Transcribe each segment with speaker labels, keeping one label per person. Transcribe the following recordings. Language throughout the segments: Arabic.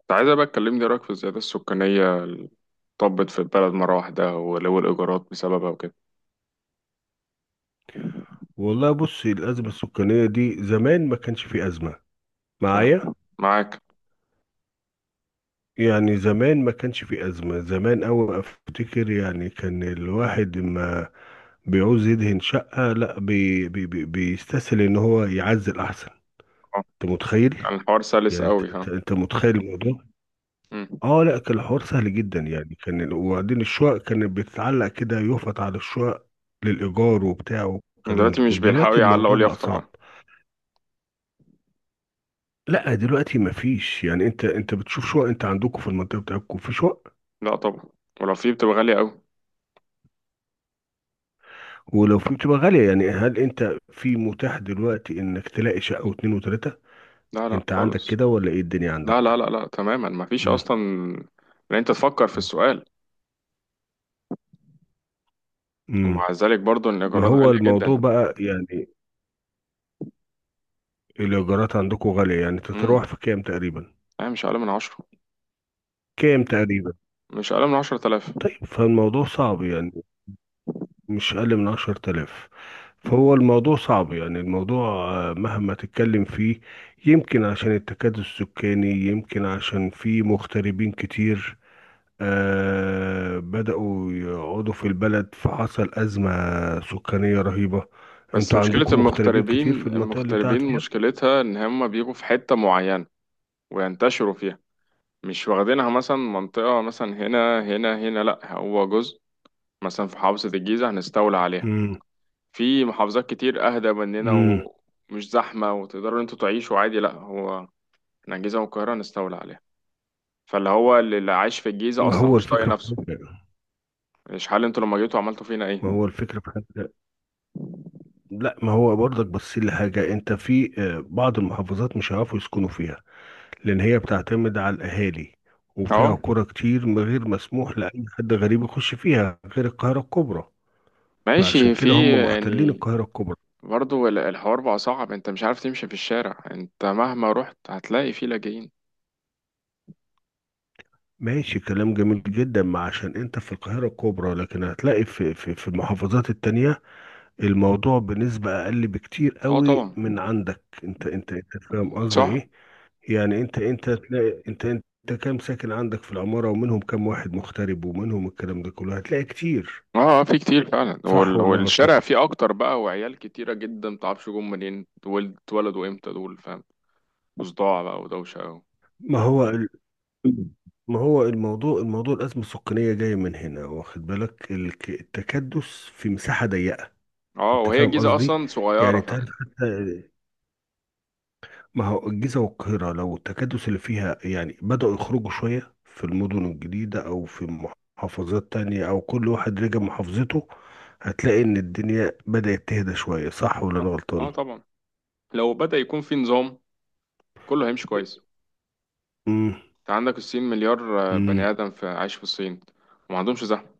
Speaker 1: كنت عايزة بقى تكلمني إيه رأيك في الزيادة السكانية اللي طبت في البلد مرة واحدة، ولو الإيجارات بسببها وكده.
Speaker 2: والله بص، الأزمة السكانية دي زمان ما كانش في أزمة معايا.
Speaker 1: تمام. معاك.
Speaker 2: يعني زمان ما كانش في أزمة، زمان أوي أفتكر، يعني كان الواحد ما بيعوز يدهن شقة لا، بي بي بي بيستسهل إن هو يعزل أحسن.
Speaker 1: اه،
Speaker 2: أنت متخيل؟
Speaker 1: كان الحوار سلس
Speaker 2: يعني أنت
Speaker 1: قوي،
Speaker 2: أنت-
Speaker 1: ها.
Speaker 2: أنت متخيل الموضوع.
Speaker 1: مم.
Speaker 2: اه لا، كان الحوار سهل جدا، يعني وبعدين الشقق كانت بتتعلق كده، يفط على الشقق للإيجار وبتاع والكلام
Speaker 1: دلوقتي
Speaker 2: ده كله.
Speaker 1: مش بيلحقوا
Speaker 2: دلوقتي
Speaker 1: يعلقوا
Speaker 2: الموضوع بقى
Speaker 1: اليافطة
Speaker 2: صعب.
Speaker 1: بقى.
Speaker 2: لا دلوقتي ما فيش، يعني انت بتشوف شقق؟ انت عندكم في المنطقه بتاعتكم في شقق؟
Speaker 1: لا طبعا. ولو في بتبقى غالية قوي.
Speaker 2: ولو في بتبقى غاليه. يعني هل انت في متاح دلوقتي انك تلاقي شقه واتنين وتلاته؟
Speaker 1: لا لا
Speaker 2: انت عندك
Speaker 1: خالص.
Speaker 2: كده ولا ايه الدنيا
Speaker 1: لا لا
Speaker 2: عندك؟
Speaker 1: لا لا، تماما مفيش
Speaker 2: امم.
Speaker 1: أصلا. إن أنت تفكر في السؤال، ومع
Speaker 2: امم.
Speaker 1: ذلك برضو إن
Speaker 2: ما
Speaker 1: الإيجارات
Speaker 2: هو
Speaker 1: غالية جدا.
Speaker 2: الموضوع بقى، يعني الايجارات عندكم غاليه، يعني
Speaker 1: مم.
Speaker 2: تتراوح في كام تقريبا؟
Speaker 1: لا، مش أقل من عشرة.
Speaker 2: كام تقريبا؟
Speaker 1: مش أقل من 10000.
Speaker 2: طيب فالموضوع صعب، يعني مش أقل من عشر تلاف. فهو الموضوع صعب يعني، الموضوع مهما تتكلم فيه. يمكن عشان التكدس السكاني، يمكن عشان في مغتربين كتير بدأوا يقعدوا في البلد، فحصل أزمة سكانية رهيبة.
Speaker 1: بس
Speaker 2: انتوا
Speaker 1: مشكلة
Speaker 2: عندكم مغتربين كتير
Speaker 1: المغتربين،
Speaker 2: في المنطقة اللي انت قاعد
Speaker 1: المغتربين
Speaker 2: فيها؟
Speaker 1: مشكلتها إن هما بيجوا في حتة معينة وينتشروا فيها. مش واخدينها مثلا منطقة، مثلا هنا هنا هنا. لأ، هو جزء مثلا في محافظة الجيزة هنستولى عليها.
Speaker 2: امم.
Speaker 1: في محافظات كتير أهدى مننا
Speaker 2: امم.
Speaker 1: ومش زحمة وتقدروا انتوا تعيشوا عادي. لأ، هو احنا الجيزة والقاهرة هنستولى عليها. فاللي هو اللي عايش في الجيزة
Speaker 2: ما
Speaker 1: أصلا
Speaker 2: هو
Speaker 1: مش طايق
Speaker 2: الفكرة في
Speaker 1: نفسه.
Speaker 2: حاجة،
Speaker 1: مش حال انتوا لما جيتوا عملتوا فينا ايه؟
Speaker 2: ما هو الفكرة في حاجة. لا ما هو برضك، بس اللي حاجة انت في بعض المحافظات مش هيعرفوا يسكنوا فيها، لأن هي بتعتمد على الأهالي،
Speaker 1: اهو
Speaker 2: وفيها قرى كتير من غير مسموح لأي حد غريب يخش فيها غير القاهرة الكبرى. فعشان
Speaker 1: ماشي. في
Speaker 2: كده هم محتلين
Speaker 1: يعني
Speaker 2: القاهرة الكبرى.
Speaker 1: برضه الحوار بقى صعب. انت مش عارف تمشي في الشارع، انت مهما رحت هتلاقي فيه لاجئين.
Speaker 2: ماشي كلام جميل جدا، ما عشان انت في القاهرة الكبرى، لكن هتلاقي في المحافظات التانية الموضوع بنسبة أقل بكتير
Speaker 1: اه
Speaker 2: قوي
Speaker 1: طبعا.
Speaker 2: من عندك. انت فاهم قصدي
Speaker 1: صح.
Speaker 2: ايه؟ يعني انت هتلاقي انت كام ساكن عندك في العمارة، ومنهم كام واحد مغترب، ومنهم الكلام ده كله هتلاقي كتير.
Speaker 1: اه في كتير فعلا،
Speaker 2: صح ولا أنا
Speaker 1: والشارع
Speaker 2: غلطان؟
Speaker 1: فيه اكتر بقى، وعيال كتيرة جدا متعرفش جم منين، دول اتولدوا امتى؟ دول فاهم. وصداع بقى ودوشة أوي.
Speaker 2: ما هو ما هو الموضوع، الأزمة السكانية جاية من هنا، واخد بالك؟ التكدس في مساحة ضيقة.
Speaker 1: اه،
Speaker 2: أنت
Speaker 1: وهي
Speaker 2: فاهم
Speaker 1: الجيزة
Speaker 2: قصدي؟
Speaker 1: اصلا
Speaker 2: يعني
Speaker 1: صغيرة
Speaker 2: أنت عارف
Speaker 1: فاهم.
Speaker 2: حتى، ما هو الجيزة والقاهرة لو التكدس اللي فيها، يعني بدأوا يخرجوا شوية في المدن الجديدة، أو في محافظات تانية، أو كل واحد رجع محافظته، هتلاقي إن الدنيا بدأت تهدى شوية. صح ولا أنا
Speaker 1: صح، اه
Speaker 2: غلطان؟
Speaker 1: طبعا. لو بدأ يكون في نظام كله هيمشي كويس.
Speaker 2: امم.
Speaker 1: انت عندك الصين، مليار بني
Speaker 2: امم.
Speaker 1: ادم في عايش في الصين وما عندهمش زحمة.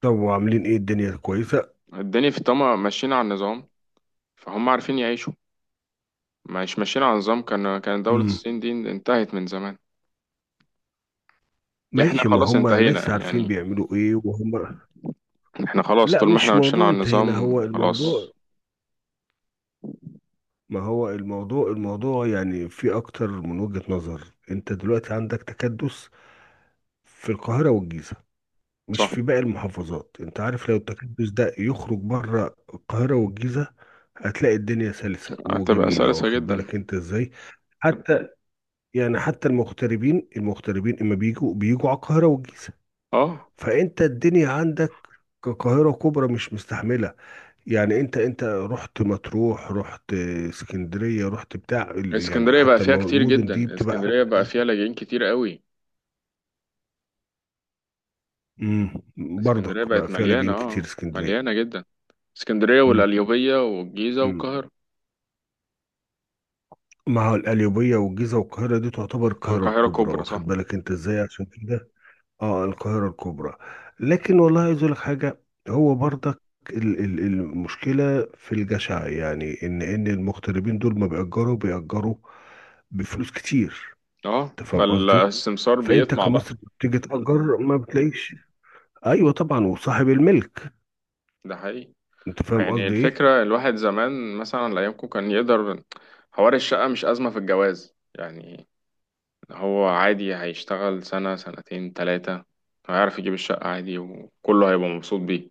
Speaker 2: طب وعاملين ايه؟ الدنيا كويسة؟
Speaker 1: الدنيا في طما ماشيين على النظام فهم عارفين يعيشوا. مش ماشيين على النظام كان دولة
Speaker 2: امم.
Speaker 1: الصين دي انتهت من زمان. احنا
Speaker 2: ماشي، ما
Speaker 1: خلاص
Speaker 2: هم ناس
Speaker 1: انتهينا
Speaker 2: عارفين
Speaker 1: يعني.
Speaker 2: بيعملوا ايه وهم.
Speaker 1: احنا خلاص،
Speaker 2: لا
Speaker 1: طول ما احنا
Speaker 2: مش
Speaker 1: ماشيين
Speaker 2: موضوع
Speaker 1: على
Speaker 2: انتهينا،
Speaker 1: النظام
Speaker 2: هو
Speaker 1: خلاص.
Speaker 2: الموضوع، ما هو الموضوع، يعني في اكتر من وجهة نظر. انت دلوقتي عندك تكدس في القاهرة والجيزة، مش
Speaker 1: صح.
Speaker 2: في باقي المحافظات. انت عارف لو التكدس ده يخرج بره القاهرة والجيزة، هتلاقي الدنيا سلسة
Speaker 1: هتبقى
Speaker 2: وجميلة،
Speaker 1: سلسة
Speaker 2: واخد
Speaker 1: جدا.
Speaker 2: بالك انت ازاي؟ حتى يعني حتى المغتربين اما بيجوا، بيجوا على القاهرة والجيزة،
Speaker 1: اه،
Speaker 2: فانت الدنيا عندك كقاهرة كبرى مش مستحملة. يعني انت رحت مطروح، رحت اسكندرية، رحت بتاع يعني
Speaker 1: اسكندرية بقى
Speaker 2: حتى
Speaker 1: فيها كتير
Speaker 2: المدن دي
Speaker 1: جدا،
Speaker 2: بتبقى.
Speaker 1: اسكندرية بقى فيها لاجئين كتير قوي.
Speaker 2: امم،
Speaker 1: اسكندرية
Speaker 2: برضك بقى
Speaker 1: بقت
Speaker 2: فيها
Speaker 1: مليانة،
Speaker 2: لاجئين
Speaker 1: اه.
Speaker 2: كتير اسكندرية.
Speaker 1: مليانة جدا. اسكندرية
Speaker 2: امم.
Speaker 1: والقليوبية والجيزة
Speaker 2: امم.
Speaker 1: والقاهرة.
Speaker 2: ما هو القليوبية والجيزة والقاهرة دي تعتبر
Speaker 1: اه،
Speaker 2: القاهرة
Speaker 1: القاهرة
Speaker 2: الكبرى،
Speaker 1: كبرى صح.
Speaker 2: واخد بالك انت ازاي؟ عشان كده اه، القاهرة الكبرى. لكن والله عايز اقول لك حاجة، هو برضك المشكلة في الجشع، يعني ان المغتربين دول ما بيأجروا، بيأجروا بفلوس كتير.
Speaker 1: اه،
Speaker 2: انت فاهم قصدي؟
Speaker 1: فالسمسار
Speaker 2: فانت
Speaker 1: بيطمع بقى.
Speaker 2: كمصري بتيجي تأجر ما بتلاقيش. ايوه طبعا، وصاحب الملك.
Speaker 1: ده حقيقي.
Speaker 2: انت فاهم
Speaker 1: يعني
Speaker 2: قصدي ايه؟
Speaker 1: الفكرة، الواحد زمان مثلا أيامكم كان يقدر. حوار الشقة مش أزمة في الجواز يعني. هو عادي، هيشتغل سنة سنتين تلاتة هيعرف يجيب الشقة عادي وكله هيبقى مبسوط بيه.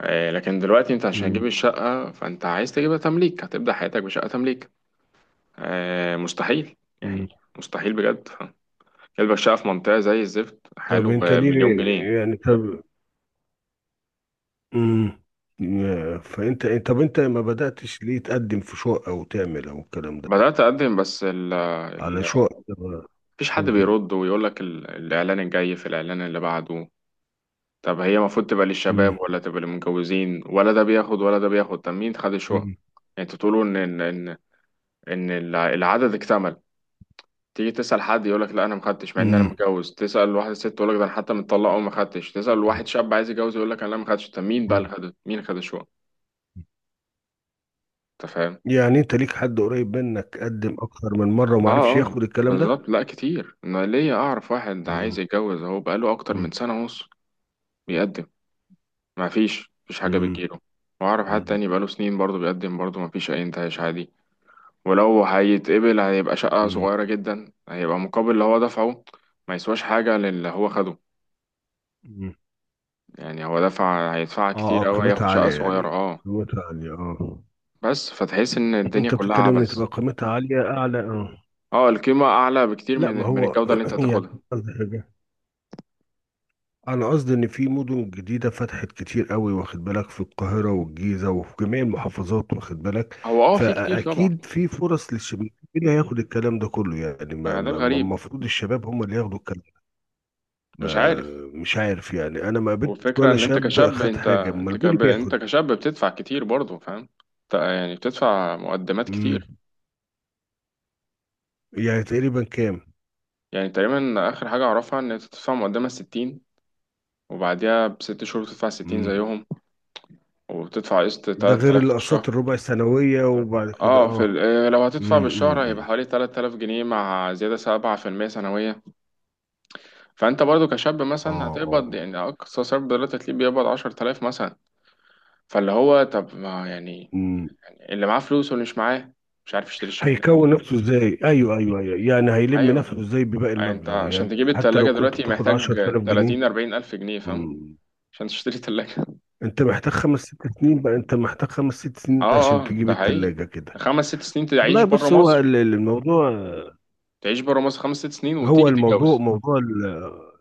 Speaker 1: لكن دلوقتي انت عشان تجيب
Speaker 2: امم.
Speaker 1: الشقة فانت عايز تجيبها تمليك، هتبدأ حياتك بشقة تمليك. آه، مستحيل يعني.
Speaker 2: امم.
Speaker 1: مستحيل بجد. كلبة الشقة في منطقة زي الزفت
Speaker 2: طب
Speaker 1: حاله
Speaker 2: انت
Speaker 1: بمليون
Speaker 2: ليه؟
Speaker 1: جنيه.
Speaker 2: يعني طب، امم، فانت طب، انت ما بدأتش ليه تقدم في شقة، او تعمل، او الكلام ده،
Speaker 1: بدأت أقدم، بس ال
Speaker 2: على
Speaker 1: ال
Speaker 2: شقة؟
Speaker 1: مفيش حد
Speaker 2: مم.
Speaker 1: بيرد ويقول لك. الإعلان الجاي في الإعلان اللي بعده. طب هي المفروض تبقى
Speaker 2: امم.
Speaker 1: للشباب ولا تبقى للمتجوزين؟ ولا ده بياخد ولا ده بياخد؟ طب مين خد الشقة يعني؟
Speaker 2: امم.
Speaker 1: انتوا تقولوا ان ان ان إن العدد اكتمل. تيجي تسأل حد يقول لك لا أنا ما خدتش، مع إن أنا
Speaker 2: مم.
Speaker 1: متجوز. تسأل واحد ست تقول لك ده أنا حتى متطلق وما خدتش. تسأل واحد شاب عايز يتجوز يقول لك أنا لا ما خدتش. طب مين بقى اللي
Speaker 2: مم.
Speaker 1: خد؟ مين اللي خد شو؟ أنت فاهم؟
Speaker 2: يعني انت ليك حد قريب منك قدم اكتر من مرة
Speaker 1: آه.
Speaker 2: وما عرفش ياخد
Speaker 1: آه
Speaker 2: الكلام ده؟
Speaker 1: بالظبط. لا كتير، أنا ليا أعرف واحد ده عايز
Speaker 2: مم.
Speaker 1: يتجوز أهو، بقاله أكتر من
Speaker 2: امم.
Speaker 1: سنة ونص بيقدم، ما فيش مفيش حاجة
Speaker 2: امم.
Speaker 1: بتجيله. وأعرف حد تاني بقاله سنين برضه بيقدم، برضه ما فيش أي انتهاش عادي. ولو هيتقبل هيبقى شقة
Speaker 2: مم.
Speaker 1: صغيرة جدا، هيبقى مقابل اللي هو دفعه ما يسواش حاجة للي هو خده.
Speaker 2: مم.
Speaker 1: يعني هو هيدفع
Speaker 2: اه اه،
Speaker 1: كتير أوي،
Speaker 2: قيمتها
Speaker 1: هياخد شقة
Speaker 2: عالية
Speaker 1: صغيرة،
Speaker 2: يعني،
Speaker 1: اه.
Speaker 2: قيمتها عالية اه.
Speaker 1: بس فتحس إن الدنيا
Speaker 2: انت
Speaker 1: كلها
Speaker 2: بتتكلم ان
Speaker 1: عبث.
Speaker 2: تبقى قيمتها عالية اعلى؟ اه.
Speaker 1: اه، القيمة أعلى بكتير
Speaker 2: لا ما
Speaker 1: من
Speaker 2: هو،
Speaker 1: الجودة اللي أنت
Speaker 2: يعني
Speaker 1: هتاخدها.
Speaker 2: قصدي حاجة، انا قصدي ان في مدن جديدة فتحت كتير قوي، واخد بالك؟ في القاهرة والجيزة، وفي جميع المحافظات، واخد بالك؟
Speaker 1: هو اه في كتير طبعا.
Speaker 2: فاكيد في فرص للشباب. مين اللي هياخد الكلام ده كله يعني؟ ما
Speaker 1: ما ده
Speaker 2: ما- ما
Speaker 1: الغريب،
Speaker 2: المفروض الشباب هم اللي ياخدوا الكلام.
Speaker 1: مش
Speaker 2: ما
Speaker 1: عارف.
Speaker 2: مش عارف، يعني انا ما قابلتش
Speaker 1: والفكرة
Speaker 2: ولا
Speaker 1: إن أنت
Speaker 2: شاب
Speaker 1: كشاب
Speaker 2: خد
Speaker 1: أنت
Speaker 2: حاجة. امال
Speaker 1: أنت
Speaker 2: مين اللي
Speaker 1: كب... أنت
Speaker 2: بياخد؟
Speaker 1: كشاب بتدفع كتير برضه فاهم. أنت يعني بتدفع مقدمات كتير.
Speaker 2: امم. يعني تقريبا كام؟
Speaker 1: يعني تقريبا آخر حاجة أعرفها إن أنت تدفع مقدمة 60، وبعديها بست شهور تدفع 60
Speaker 2: امم.
Speaker 1: زيهم، وبتدفع قسط
Speaker 2: ده
Speaker 1: تلات
Speaker 2: غير
Speaker 1: آلاف في
Speaker 2: الاقساط
Speaker 1: الشهر.
Speaker 2: الربع السنويه. وبعد كده
Speaker 1: اه في ال-
Speaker 2: اه.
Speaker 1: آه، لو هتدفع
Speaker 2: امم.
Speaker 1: بالشهر هيبقى
Speaker 2: امم.
Speaker 1: حوالي 3000 جنيه مع زيادة 7% سنوية. فانت برضو كشاب مثلا
Speaker 2: اه
Speaker 1: هتقبض،
Speaker 2: اه.
Speaker 1: يعني اقصى سبب دلوقتي هتلاقيه بيقبض 10000 مثلا. فاللي هو طب، ما يعني
Speaker 2: امم.
Speaker 1: اللي معاه فلوس واللي مش معاه مش عارف يشتري الشقة.
Speaker 2: هيكون نفسه ازاي؟ ايوه ايوه ايوه، يعني هيلم
Speaker 1: ايوه.
Speaker 2: نفسه ازاي بباقي
Speaker 1: يعني انت
Speaker 2: المبلغ؟
Speaker 1: عشان
Speaker 2: يعني
Speaker 1: تجيب
Speaker 2: حتى لو
Speaker 1: التلاجة
Speaker 2: كنت
Speaker 1: دلوقتي
Speaker 2: بتاخد
Speaker 1: محتاج
Speaker 2: 10000 جنيه.
Speaker 1: 30 40 الف جنيه فاهم،
Speaker 2: امم.
Speaker 1: عشان تشتري تلاجة
Speaker 2: انت محتاج خمس ست سنين بقى، انت محتاج خمس ست سنين
Speaker 1: اه
Speaker 2: عشان
Speaker 1: اه،
Speaker 2: تجيب
Speaker 1: ده حقيقي.
Speaker 2: التلاجة كده.
Speaker 1: خمس ست سنين تعيش
Speaker 2: والله
Speaker 1: بره
Speaker 2: بص، هو
Speaker 1: مصر.
Speaker 2: الموضوع،
Speaker 1: تعيش بره مصر خمس ست سنين
Speaker 2: هو
Speaker 1: وتيجي
Speaker 2: الموضوع
Speaker 1: تتجوز.
Speaker 2: موضوع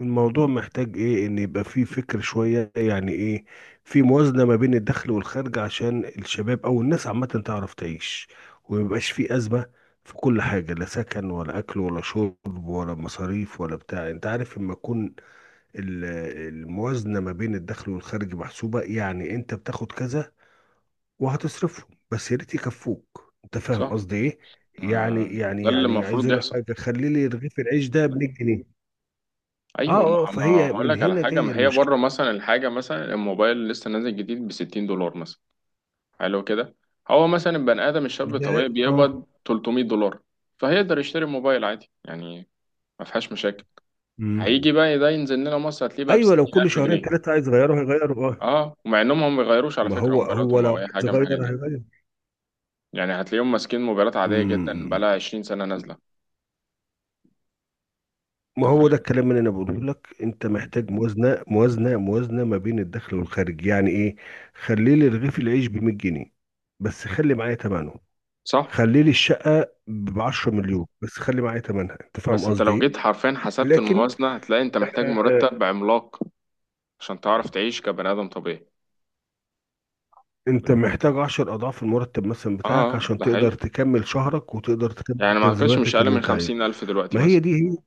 Speaker 2: الموضوع محتاج ايه، ان يبقى فيه فكر شوية. يعني ايه؟ في موازنة ما بين الدخل والخارج، عشان الشباب او الناس عامة تعرف تعيش، وميبقاش فيه ازمة في كل حاجة، لا سكن ولا اكل ولا شرب ولا مصاريف ولا بتاع. انت عارف لما تكون ال- الموازنة ما بين الدخل والخارج محسوبة؟ يعني انت بتاخد كذا وهتصرفهم، بس يا ريت يكفوك. انت فاهم
Speaker 1: صح.
Speaker 2: قصدي ايه؟ يعني
Speaker 1: آه،
Speaker 2: يعني
Speaker 1: ده اللي
Speaker 2: يعني عايز
Speaker 1: المفروض
Speaker 2: اقول لك
Speaker 1: يحصل.
Speaker 2: حاجة، خلي لي رغيف العيش ده ب 100 جنيه. اه
Speaker 1: ايوه. ما
Speaker 2: اه،
Speaker 1: ما
Speaker 2: فهي
Speaker 1: هقول
Speaker 2: من
Speaker 1: لك على
Speaker 2: هنا
Speaker 1: حاجه.
Speaker 2: جايه
Speaker 1: ما هي
Speaker 2: المشكله.
Speaker 1: بره مثلا الحاجه، مثلا الموبايل لسه نازل جديد ب 60 دولار مثلا. حلو كده. هو مثلا البني ادم الشاب
Speaker 2: ده
Speaker 1: الطبيعي
Speaker 2: اه.
Speaker 1: بيقبض 300 دولار، فهيقدر يشتري موبايل عادي يعني، ما فيهاش مشاكل.
Speaker 2: مم.
Speaker 1: هيجي بقى ده ينزل لنا مصر هتلاقيه بقى ب
Speaker 2: ايوه، لو كل
Speaker 1: 60000
Speaker 2: شهرين
Speaker 1: جنيه
Speaker 2: ثلاثه عايز يغيره هيغيره اه.
Speaker 1: اه، ومع انهم هم ما بيغيروش على
Speaker 2: ما
Speaker 1: فكره
Speaker 2: هو هو
Speaker 1: موبايلاتهم
Speaker 2: لو
Speaker 1: او اي
Speaker 2: عايز
Speaker 1: حاجه من
Speaker 2: يغير
Speaker 1: الحاجات دي.
Speaker 2: هيغير.
Speaker 1: يعني هتلاقيهم ماسكين موبايلات عاديه جدا بقى
Speaker 2: مم.
Speaker 1: لها 20 سنه نازله.
Speaker 2: ما
Speaker 1: انت
Speaker 2: هو
Speaker 1: فاهم.
Speaker 2: ده الكلام اللي انا بقوله لك، انت محتاج موازنه، موازنه ما بين الدخل والخارج. يعني ايه؟ خلي لي رغيف العيش ب 100 جنيه، بس خلي معايا ثمنه.
Speaker 1: صح.
Speaker 2: خلي لي الشقه ب 10 مليون، بس خلي معايا ثمنها. انت فاهم
Speaker 1: بس انت
Speaker 2: قصدي
Speaker 1: لو
Speaker 2: ايه؟
Speaker 1: جيت حرفيا حسبت
Speaker 2: لكن
Speaker 1: الموازنه هتلاقي انت محتاج مرتب عملاق عشان تعرف تعيش كبني آدم طبيعي.
Speaker 2: انت محتاج عشر اضعاف المرتب مثلا
Speaker 1: اه،
Speaker 2: بتاعك، عشان
Speaker 1: ده
Speaker 2: تقدر
Speaker 1: حقيقي.
Speaker 2: تكمل شهرك، وتقدر تكمل
Speaker 1: يعني ما أعتقدش مش
Speaker 2: تلزيماتك
Speaker 1: أقل
Speaker 2: اللي
Speaker 1: من
Speaker 2: انت عايزها.
Speaker 1: 50000 دلوقتي
Speaker 2: ما هي
Speaker 1: مثلا.
Speaker 2: دي هي.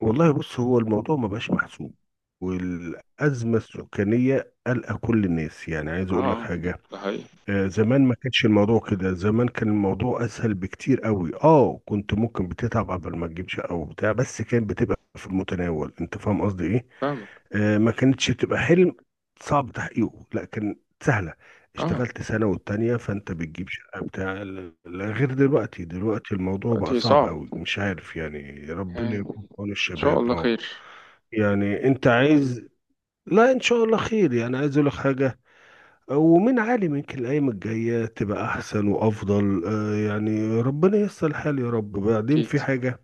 Speaker 2: والله بص، هو الموضوع ما بقاش محسوب، والازمه السكانيه قلقه كل الناس. يعني عايز
Speaker 1: اه،
Speaker 2: اقول لك حاجه،
Speaker 1: ده حقيقي.
Speaker 2: زمان ما كانش الموضوع كده. زمان كان الموضوع اسهل بكتير قوي اه. كنت ممكن بتتعب قبل ما تجيب شقه وبتاع، بس كانت بتبقى في المتناول. انت فاهم قصدي ايه؟
Speaker 1: فاهمك.
Speaker 2: آه، ما كانتش بتبقى حلم صعب تحقيقه، لا كان سهله.
Speaker 1: اه،
Speaker 2: اشتغلت سنه والتانيه فانت بتجيب شقه بتاع غير دلوقتي. دلوقتي الموضوع بقى
Speaker 1: دلوقتي
Speaker 2: صعب
Speaker 1: صعب.
Speaker 2: قوي، مش عارف. يعني ربنا
Speaker 1: يعني إن
Speaker 2: يكون في عون
Speaker 1: شاء
Speaker 2: الشباب
Speaker 1: الله
Speaker 2: اه.
Speaker 1: خير.
Speaker 2: يعني انت عايز، لا ان شاء الله خير. يعني عايز اقول لك حاجه، ومن عالي يمكن الأيام الجاية تبقى أحسن وأفضل. يعني ربنا ييسر الحال يا رب. بعدين
Speaker 1: أكيد.
Speaker 2: في حاجة،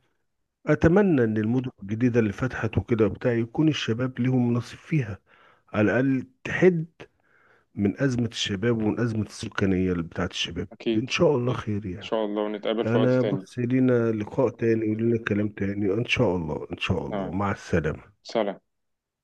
Speaker 2: أتمنى إن المدن الجديدة اللي فتحت وكده وبتاع يكون الشباب ليهم نصيب فيها، على الأقل تحد من أزمة الشباب، ومن أزمة السكانية اللي بتاعت الشباب.
Speaker 1: أكيد.
Speaker 2: إن شاء الله
Speaker 1: أكيد
Speaker 2: خير
Speaker 1: إن
Speaker 2: يعني.
Speaker 1: شاء الله، ونتقابل في وقت
Speaker 2: أنا
Speaker 1: تاني.
Speaker 2: بص، لينا لقاء تاني ولينا كلام تاني إن شاء الله. إن شاء الله،
Speaker 1: تمام.
Speaker 2: مع السلامة.
Speaker 1: سلام.